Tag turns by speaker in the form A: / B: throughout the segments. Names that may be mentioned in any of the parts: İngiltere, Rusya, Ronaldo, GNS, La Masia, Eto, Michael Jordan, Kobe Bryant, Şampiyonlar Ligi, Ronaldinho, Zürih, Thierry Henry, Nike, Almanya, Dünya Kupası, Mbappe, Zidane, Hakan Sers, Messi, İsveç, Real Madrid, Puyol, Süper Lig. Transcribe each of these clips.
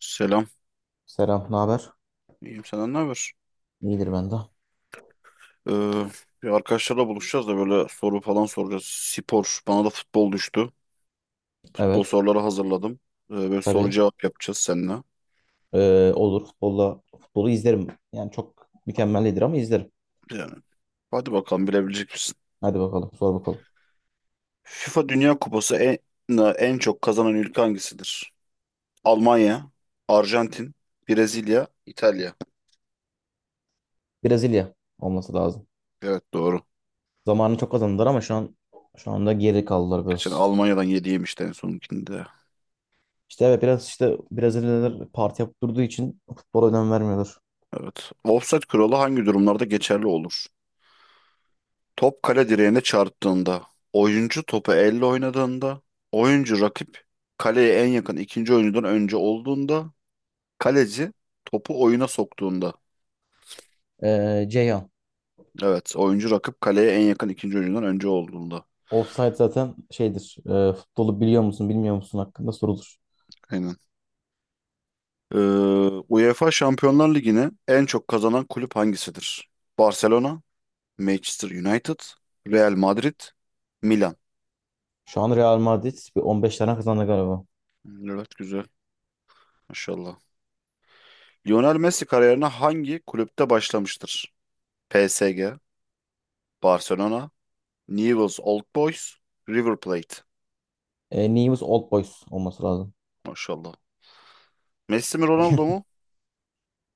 A: Selam.
B: Selam, ne haber?
A: İyiyim senden ne haber?
B: İyidir ben de.
A: Ee, Bir arkadaşlarla buluşacağız da böyle soru falan soracağız. Spor. Bana da futbol düştü. Futbol
B: Evet,
A: soruları hazırladım. Böyle soru
B: tabii.
A: cevap yapacağız seninle.
B: Olur. Futbolu izlerim. Yani çok mükemmel değildir ama izlerim.
A: Yani hadi bakalım bilebilecek misin?
B: Hadi bakalım, sor bakalım.
A: FIFA Dünya Kupası en çok kazanan ülke hangisidir? Almanya, Arjantin, Brezilya, İtalya.
B: Brezilya olması lazım.
A: Evet doğru.
B: Zamanını çok kazandılar ama şu anda geri kaldılar
A: Geçen
B: biraz.
A: Almanya'dan yediğim işte en sonunkinde.
B: İşte evet biraz işte Brezilyalılar parti yapıp durduğu için futbola önem vermiyorlar.
A: Evet. Offside kuralı hangi durumlarda geçerli olur? Top kale direğine çarptığında, oyuncu topu elle oynadığında, oyuncu rakip kaleye en yakın ikinci oyuncudan önce olduğunda, kaleci topu oyuna soktuğunda.
B: Ceyhan.
A: Evet, oyuncu rakip kaleye en yakın ikinci oyuncudan önce olduğunda.
B: Offside zaten şeydir. Futbolu biliyor musun, bilmiyor musun hakkında sorulur.
A: Aynen. Ee, UEFA Şampiyonlar Ligi'ne en çok kazanan kulüp hangisidir? Barcelona, Manchester United, Real Madrid, Milan.
B: Şu an Real Madrid bir 15 tane kazandı galiba.
A: Evet, güzel. Maşallah. Lionel Messi kariyerine hangi kulüpte başlamıştır? PSG, Barcelona, Newell's Old Boys, River Plate.
B: Neyimiz Old Boys olması lazım.
A: Maşallah. Messi mi Ronaldo mu?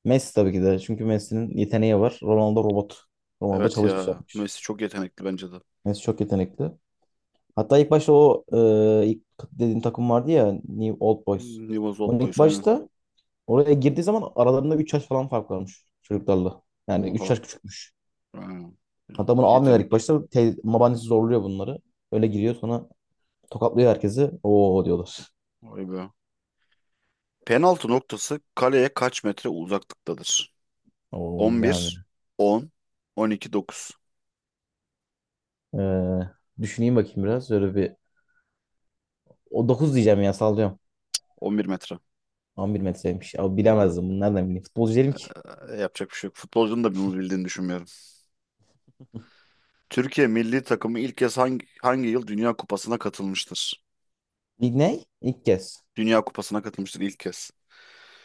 B: Messi tabii ki de. Çünkü Messi'nin yeteneği var. Ronaldo robot. Ronaldo
A: Evet
B: çalışmış
A: ya.
B: yapmış.
A: Messi çok yetenekli bence de.
B: Messi çok yetenekli. Hatta ilk başta o e, ilk dediğim takım vardı ya New Old Boys.
A: Newell's Old
B: Onun ilk
A: Boys aynen.
B: başta oraya girdiği zaman aralarında 3 yaş falan fark varmış çocuklarla. Yani 3 yaş
A: Oha.
B: küçükmüş.
A: Aynen.
B: Hatta bunu almıyorlar ilk
A: Yetenek.
B: başta. Babaannesi zorluyor bunları. Öyle giriyor sonra tokatlıyor herkesi. Oo diyorlar.
A: Vay be. Penaltı noktası kaleye kaç metre uzaklıktadır?
B: Oo, bilemem
A: 11, 10, 12, 9.
B: ya. Düşüneyim bakayım biraz. Öyle bir... O 9 diyeceğim ya sallıyorum.
A: 11 metre.
B: 11 metreymiş. Abi
A: Aha.
B: bilemezdim. Bunu nereden bileyim? Futbolcu değilim ki.
A: Yapacak bir şey yok. Futbolcunun da bunu bildiğini düşünmüyorum. Türkiye milli takımı ilk kez hangi yıl Dünya Kupası'na katılmıştır?
B: İlk ne? İlk kez.
A: Dünya Kupası'na katılmıştır ilk kez.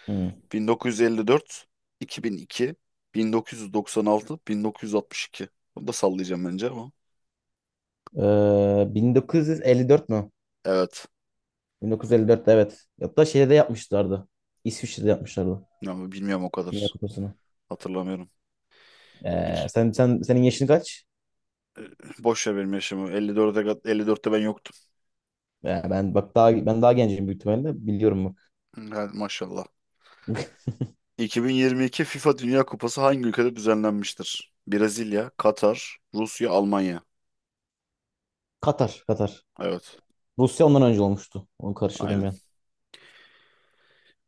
B: Hmm.
A: 1954, 2002, 1996, 1962. Bunu da sallayacağım bence ama.
B: 1954 mü?
A: Evet.
B: 1954'te evet. Hatta şeyde de yapmışlardı. İsviçre'de yapmışlardı.
A: Ama bilmiyorum o
B: Dünya
A: kadar.
B: Kupası'nı.
A: Hatırlamıyorum. İki,
B: Senin yaşın kaç?
A: boş ver benim yaşımı. 54'e, 54'te ben yoktum.
B: Ben bak daha ben daha gencim büyük ihtimalle. Biliyorum bak.
A: Yani maşallah. 2022 FIFA Dünya Kupası hangi ülkede düzenlenmiştir? Brezilya, Katar, Rusya, Almanya.
B: Katar, Katar.
A: Evet.
B: Rusya ondan önce olmuştu. Onu karıştırdım
A: Aynen.
B: ben.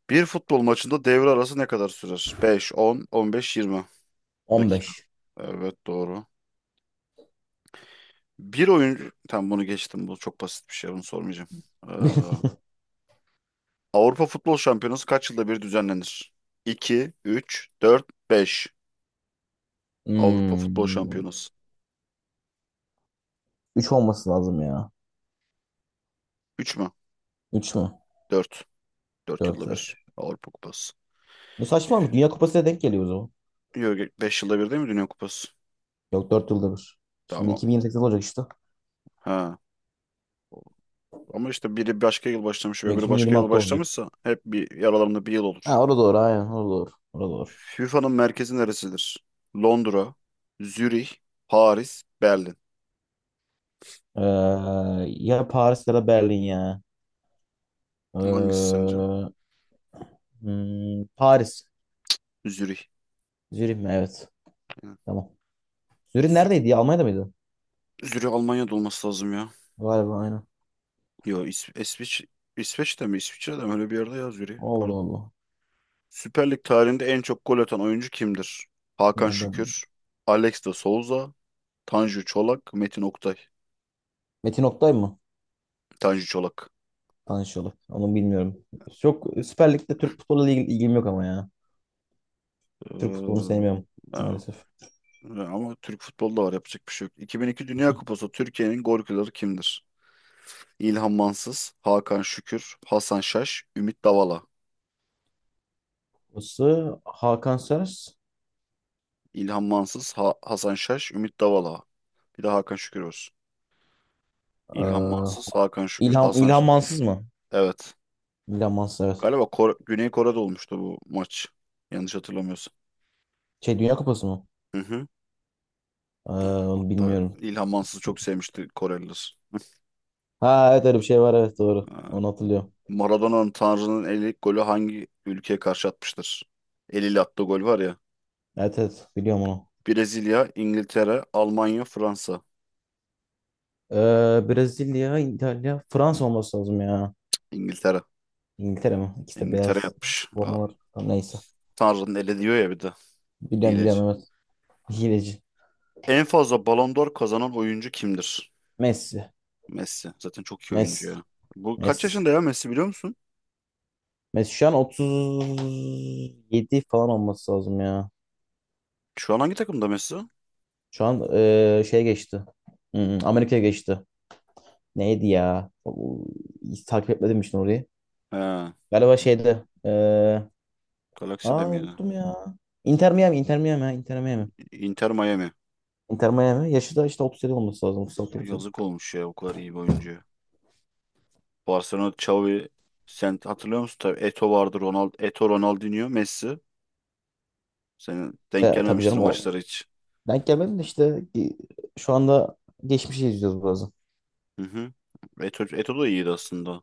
A: Bir futbol maçında devre arası ne kadar sürer? 5, 10, 15, 20 dakika.
B: 15.
A: Evet doğru. Bir oyuncu... Tamam bunu geçtim. Bu çok basit bir şey. Bunu sormayacağım. Ee, Avrupa Futbol Şampiyonası kaç yılda bir düzenlenir? 2, 3, 4, 5. Avrupa Futbol
B: Hmm.
A: Şampiyonası.
B: Üç olması lazım ya.
A: 3 mü?
B: 3 mü?
A: 4. 4
B: 4.
A: yılda bir. Avrupa Kupası.
B: Bu saçmalamış. Dünya Kupası'na denk geliyor o zaman.
A: Yok 5 yılda bir değil mi Dünya Kupası?
B: Yok 4 yılda bir. Şimdi
A: Tamam.
B: 2028 olacak işte.
A: Ha. Ama işte biri başka yıl başlamış ve
B: Yok
A: biri başka yıl
B: 2026 olacak.
A: başlamışsa hep bir aralarında bir yıl olur.
B: Ha orada doğru aynen orada doğru. Orada doğru.
A: FIFA'nın merkezi neresidir? Londra, Zürih, Paris, Berlin.
B: Ya Paris ya da Berlin ya.
A: Hangisi
B: Ee,
A: sence?
B: Paris.
A: Zürih.
B: Zürih mi? Evet.
A: Yani.
B: Tamam. Zürih neredeydi ya? Almanya'da mıydı?
A: Zürih Almanya'da olması lazım ya.
B: Galiba aynen.
A: Yo İs İsviç İsveç'te mi? İsviçre'de mi? Öyle bir yerde ya Zürih.
B: Allah
A: Pardon.
B: Allah.
A: Süper Lig tarihinde en çok gol atan oyuncu kimdir? Hakan
B: Nereden?
A: Şükür, Alex de Souza, Tanju Çolak, Metin Oktay.
B: Metin Oktay mı?
A: Tanju Çolak.
B: Tanışıyorlar. Onu bilmiyorum. Çok Süper Lig'de Türk futbolu ilgim yok ama ya. Türk futbolunu
A: Ee,
B: sevmiyorum
A: ha.
B: maalesef.
A: Ha, ama Türk futbolda var yapacak bir şey yok. 2002 Dünya Kupası Türkiye'nin golcüleri kimdir? İlhan Mansız, Hakan Şükür, Hasan Şaş, Ümit Davala.
B: Burası Hakan Sers.
A: İlhan Mansız, Hasan Şaş, Ümit Davala. Bir de Hakan Şükür olsun. İlhan
B: Ee,
A: Mansız, Hakan Şükür, Hasan
B: İlham
A: Şen.
B: Mansız mı?
A: Evet.
B: İlham Mansız evet.
A: Galiba Güney Kore'de olmuştu bu maç. Yanlış hatırlamıyorsam.
B: Şey Dünya Kupası mı?
A: Hı hı.
B: Onu
A: Hatta
B: bilmiyorum.
A: İlhan Mansız'ı çok sevmişti Koreliler.
B: Ha evet öyle bir şey var evet doğru.
A: Ha.
B: Onu hatırlıyorum.
A: Maradona'nın Tanrı'nın eli golü hangi ülkeye karşı atmıştır? Eliyle attığı gol var ya.
B: Evet evet biliyorum onu.
A: Brezilya, İngiltere, Almanya, Fransa.
B: Brezilya, İtalya, Fransa olması lazım ya.
A: İngiltere.
B: İngiltere mi? İkisi de
A: İngiltere
B: beyaz
A: yapmış. Ha,
B: formalar. Tamam, neyse.
A: Tanrı'nın eli diyor ya bir de.
B: Biliyorum
A: Hileci.
B: biliyorum evet. Hileci.
A: En fazla Ballon d'Or kazanan oyuncu kimdir?
B: Messi.
A: Messi. Zaten çok iyi oyuncu
B: Messi.
A: ya. Bu kaç
B: Messi.
A: yaşında ya Messi biliyor musun?
B: Messi şu an 37 falan olması lazım ya.
A: Şu an hangi takımda Messi?
B: Şu an şey geçti. Amerika'ya geçti. Neydi ya? Hiç takip etmedim işte orayı.
A: He.
B: Galiba şeydi.
A: Galaxy'de
B: Aa
A: miydi?
B: Unuttum ya. Inter Miami, Inter Miami, ha, Inter Miami.
A: Inter Miami.
B: Inter Miami. Yaşı da işte 37 olması lazım. 36 37.
A: Yazık olmuş ya o kadar iyi bir oyuncu. Barcelona Xavi sen hatırlıyor musun? Tabii Eto vardı, Eto Ronaldinho, Messi. Senin denk
B: Tabii
A: gelmemiştir
B: canım o.
A: maçlara hiç.
B: Denk gelmedim de işte şu anda geçmişi izliyoruz biraz.
A: Hı hı. Eto da iyiydi aslında.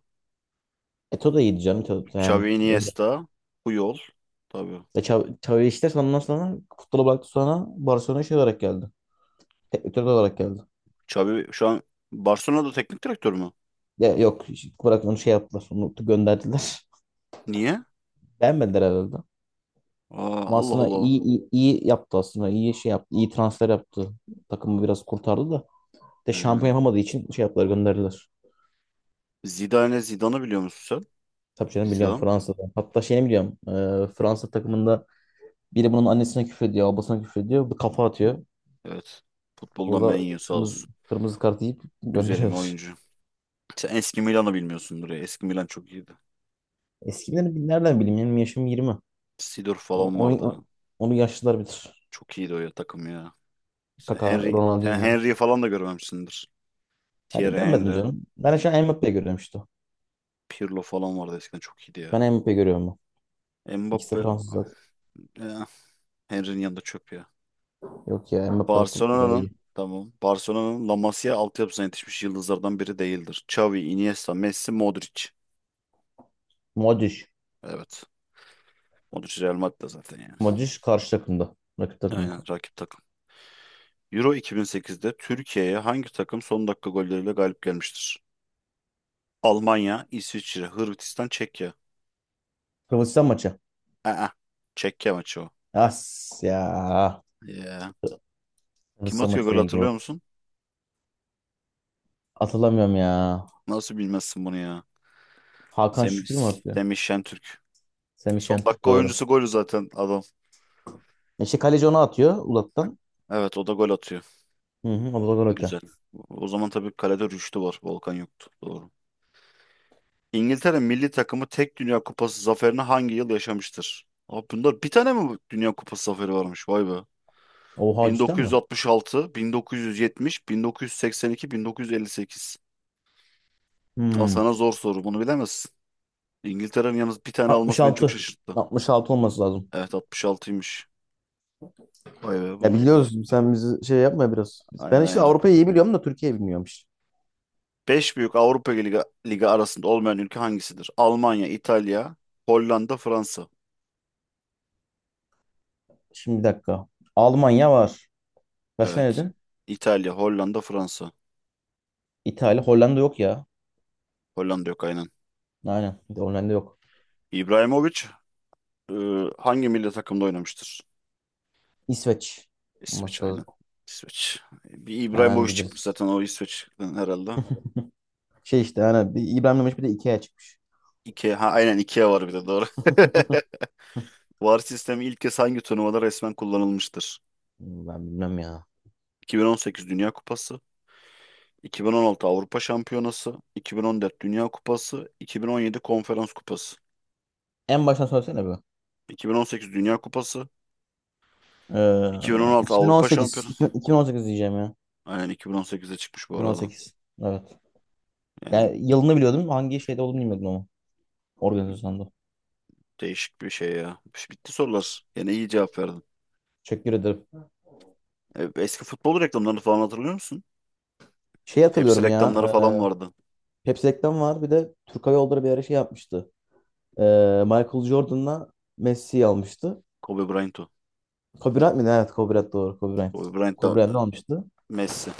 B: Eto da iyiydi canım. Eto, yani.
A: Xavi
B: Öyle.
A: Iniesta, Puyol. Tabii.
B: Xavi işte ondan sonra futbola bıraktı sonra Barcelona şey olarak geldi. Teknik direktör olarak geldi.
A: Xavi şu an Barcelona'da teknik direktör mü?
B: Ya, yok bırakın onu şey yaptılar. Onu gönderdiler.
A: Niye?
B: Beğenmediler herhalde.
A: Aa,
B: Ama
A: Allah
B: aslında
A: Allah.
B: iyi, iyi, iyi yaptı aslında. İyi şey yaptı. İyi transfer yaptı. Takımı biraz kurtardı da. De şampiyon
A: Hı.
B: yapamadığı için şey yaptılar gönderdiler.
A: Zidane'ı biliyor musun sen?
B: Tabii canım biliyorum
A: Zidane.
B: Fransa'da. Hatta şeyini biliyorum. Fransa takımında biri bunun annesine küfrediyor, babasına küfrediyor. Bu kafa atıyor.
A: Evet. Futbolda
B: Orada
A: menyu sağ
B: kırmızı
A: olsun.
B: kırmızı kart yiyip
A: Güzelim
B: gönderiyorlar.
A: oyuncu. Sen eski Milan'ı bilmiyorsundur ya. Eski Milan çok iyiydi.
B: Eskileri nereden bileyim? Benim yaşım 20
A: Sidor
B: O-
A: falan vardı.
B: Onu, onu yaşlılar bilir.
A: Çok iyiydi o ya takım ya.
B: Kaka,
A: Sen
B: Ronaldinho.
A: Henry'i falan da görmemişsindir.
B: Her
A: Thierry
B: görmedim
A: Henry,
B: canım. Ben şu an Mbappe'yi görüyorum işte.
A: Pirlo falan vardı eskiden çok iyiydi ya.
B: Ben Mbappe'yi görüyorum ben. İkisi
A: Mbappe,
B: de Fransız zaten.
A: eh, Henry'nin yanında çöp ya.
B: Yok ya Mbappe asıl daha
A: Barcelona'nın
B: iyi.
A: Tamam. Barcelona'nın La Masia altyapısına yetişmiş yıldızlardan biri değildir. Xavi, Iniesta, Messi, Modric.
B: Modric.
A: Evet. Modric Real Madrid'de zaten yani.
B: Modric karşı takımda. Rakip takımda.
A: Aynen rakip takım. Euro 2008'de Türkiye'ye hangi takım son dakika golleriyle galip gelmiştir? Almanya, İsviçre, Hırvatistan, Çekya.
B: Hırvatistan maçı.
A: Aa, Çekya maçı o.
B: As ya.
A: Ya. Kim
B: Hırvatistan
A: atıyor
B: maçı
A: gol
B: değil
A: hatırlıyor
B: doğru.
A: musun?
B: Atılamıyorum ya.
A: Nasıl bilmezsin bunu ya?
B: Hakan
A: Semih,
B: Şükür mü atıyor?
A: Semih Şentürk.
B: Semih
A: Son
B: Şentürk
A: dakika
B: doğru.
A: oyuncusu golü zaten adam.
B: İşte kaleci onu atıyor Ulat'tan.
A: Evet o da gol atıyor.
B: Hı hı, o da gol atıyor.
A: Güzel. O zaman tabii kalede Rüştü var. Volkan yoktu. Doğru. İngiltere milli takımı tek Dünya Kupası zaferini hangi yıl yaşamıştır? Abi bunlar bir tane mi Dünya Kupası zaferi varmış? Vay be.
B: Oha cidden mi?
A: 1966, 1970, 1982, 1958. Al
B: Hmm.
A: sana zor soru. Bunu bilemezsin. İngiltere'nin yalnız bir tane alması beni çok
B: 66.
A: şaşırttı.
B: 66 olması lazım.
A: Evet 66'ymış. Vay be
B: Ya
A: bunu.
B: biliyoruz sen bizi şey yapma biraz. Ben
A: Aynen
B: işte
A: aynen.
B: Avrupa'yı iyi biliyorum da Türkiye'yi bilmiyorum işte.
A: 5 büyük Avrupa Ligi arasında olmayan ülke hangisidir? Almanya, İtalya, Hollanda, Fransa.
B: Şimdi bir dakika. Almanya var. Kaç ne
A: Evet.
B: dedin?
A: İtalya, Hollanda, Fransa.
B: İtalya, Hollanda yok ya.
A: Hollanda yok aynen.
B: Aynen. Bir de Hollanda yok.
A: İbrahimovic e, hangi milli takımda oynamıştır?
B: İsveç
A: İsveç
B: olması
A: aynen.
B: lazım.
A: İsveç. Bir
B: Hemen
A: İbrahimovic çıkmış
B: biliriz.
A: zaten o İsveç'ten herhalde.
B: Şey işte hani bir İbrahim Demiş bir de Ikea çıkmış.
A: Ikea, ha, aynen Ikea var bir de doğru. VAR sistemi ilk kez hangi turnuvada resmen kullanılmıştır?
B: Ben bilmem ya.
A: 2018 Dünya Kupası, 2016 Avrupa Şampiyonası, 2014 Dünya Kupası, 2017 Konferans Kupası.
B: En baştan söylesene bu.
A: 2018 Dünya Kupası, 2016 Avrupa
B: 2018.
A: Şampiyonası.
B: 2018 diyeceğim ya.
A: Aynen 2018'de çıkmış bu arada.
B: 2018. Evet.
A: Yani
B: Yani yılını biliyordum. Hangi şeyde olduğunu bilmiyordum ama. Organizasyonda.
A: değişik bir şey ya. Bitti sorular. Yine iyi cevap verdin.
B: Teşekkür ederim.
A: Eski futbol reklamlarını falan hatırlıyor musun?
B: Şey
A: Pepsi
B: hatırlıyorum ya.
A: reklamları falan vardı.
B: Pepsi reklam var. Bir de Türk Hava Yolları bir ara şey yapmıştı. E, Michael Jordan'la Messi'yi almıştı.
A: Kobe Bryant o.
B: Kobe Bryant mıydı? Evet Kobe Bryant doğru. Kobe Bryant.
A: Kobe Bryant da
B: Kobe Bryant'ı almıştı.
A: Messi.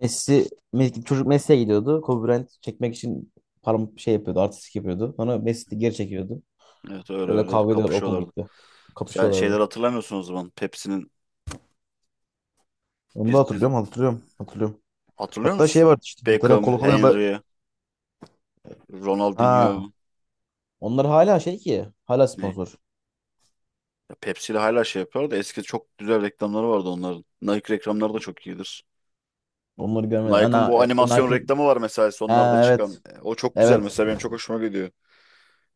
B: Çocuk Messi'ye gidiyordu. Kobe Bryant çekmek için param şey yapıyordu. Artistik yapıyordu. Sonra Messi de geri çekiyordu.
A: Evet öyle
B: Öyle
A: öyle
B: kavga ediyorlar. O mu
A: kapışıyorlardı.
B: gitti?
A: Sen şeyler
B: Kapışıyorlardı.
A: hatırlamıyorsun o zaman. Pepsi'nin
B: Onu da
A: bir
B: hatırlıyorum. Hatırlıyorum. Hatırlıyorum.
A: hatırlıyor
B: Hatta şey
A: musun?
B: vardı işte. Hatırlıyorum.
A: Beckham,
B: Kolo Kolo'ya ben...
A: Henry, Ronaldinho
B: Ha. Onlar hala şey ki. Hala
A: ne?
B: sponsor.
A: Ya Pepsi ile hala şey yapıyor da eski çok güzel reklamları vardı onların. Nike reklamları da çok iyidir.
B: Onları görmedim.
A: Nike'ın bu
B: Ana,
A: animasyon
B: Nike'ın...
A: reklamı var mesela sonlarda
B: Ha,
A: çıkan.
B: evet.
A: O çok güzel
B: Evet.
A: mesela benim çok hoşuma gidiyor.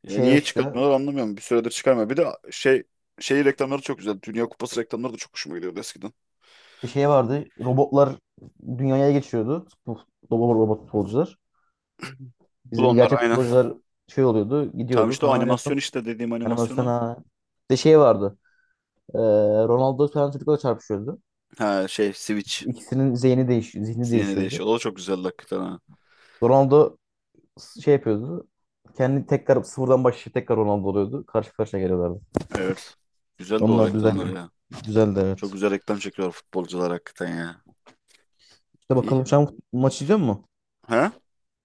B: Şey ve
A: Niye
B: işte.
A: çıkartmıyorlar anlamıyorum. Bir süredir çıkarmıyor. Bir de şey reklamları çok güzel. Dünya Kupası reklamları da çok hoşuma gidiyordu eskiden.
B: Şey vardı. Robotlar dünyaya geçiyordu. Bu robot futbolcular.
A: Bu da
B: Bizim
A: onlar
B: gerçek
A: aynen.
B: futbolcular şey oluyordu,
A: Tam
B: gidiyordu.
A: işte o
B: Sonra en
A: animasyon
B: son
A: işte dediğim
B: animasyon
A: animasyonu.
B: ha. Bir de şey vardı. Ee, Ronaldo falan çocukla çarpışıyordu.
A: Ha şey Switch
B: İkisinin zihni
A: zihni
B: değişiyordu.
A: değişiyor. O da çok güzel hakikaten ha.
B: Ronaldo şey yapıyordu. Kendi tekrar sıfırdan başlayıp tekrar Ronaldo oluyordu. Karşı karşıya geliyorlardı.
A: Evet. Güzel de o
B: Onlar
A: reklamlar
B: düzeldi.
A: ya.
B: Güzeldi
A: Çok
B: evet.
A: güzel reklam çekiyor futbolcular hakikaten ya.
B: İşte
A: İyi.
B: bakalım şu an maç izliyor musun?
A: Ha?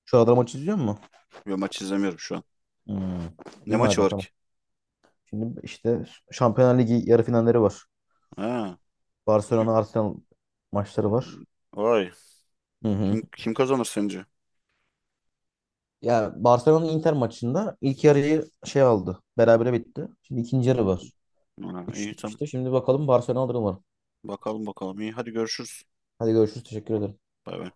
B: Şu arada maç izliyor musun?
A: Yo maç izlemiyorum şu an.
B: Hmm.
A: Ne
B: İyi
A: maçı
B: madem
A: var
B: tamam.
A: ki?
B: Şimdi işte Şampiyonlar Ligi yarı finalleri var.
A: Ha.
B: Barcelona Arsenal maçları
A: Hmm,
B: var.
A: vay.
B: Hı hı.
A: Kim kazanır sence?
B: Ya Barcelona Inter maçında ilk yarıyı şey aldı. Berabere bitti. Şimdi ikinci yarı var.
A: Ha,
B: 3-3
A: iyi tamam.
B: bitmişti. Şimdi bakalım Barcelona alır umarım.
A: Bakalım bakalım. İyi hadi görüşürüz.
B: Hadi görüşürüz. Teşekkür ederim.
A: Bay bay.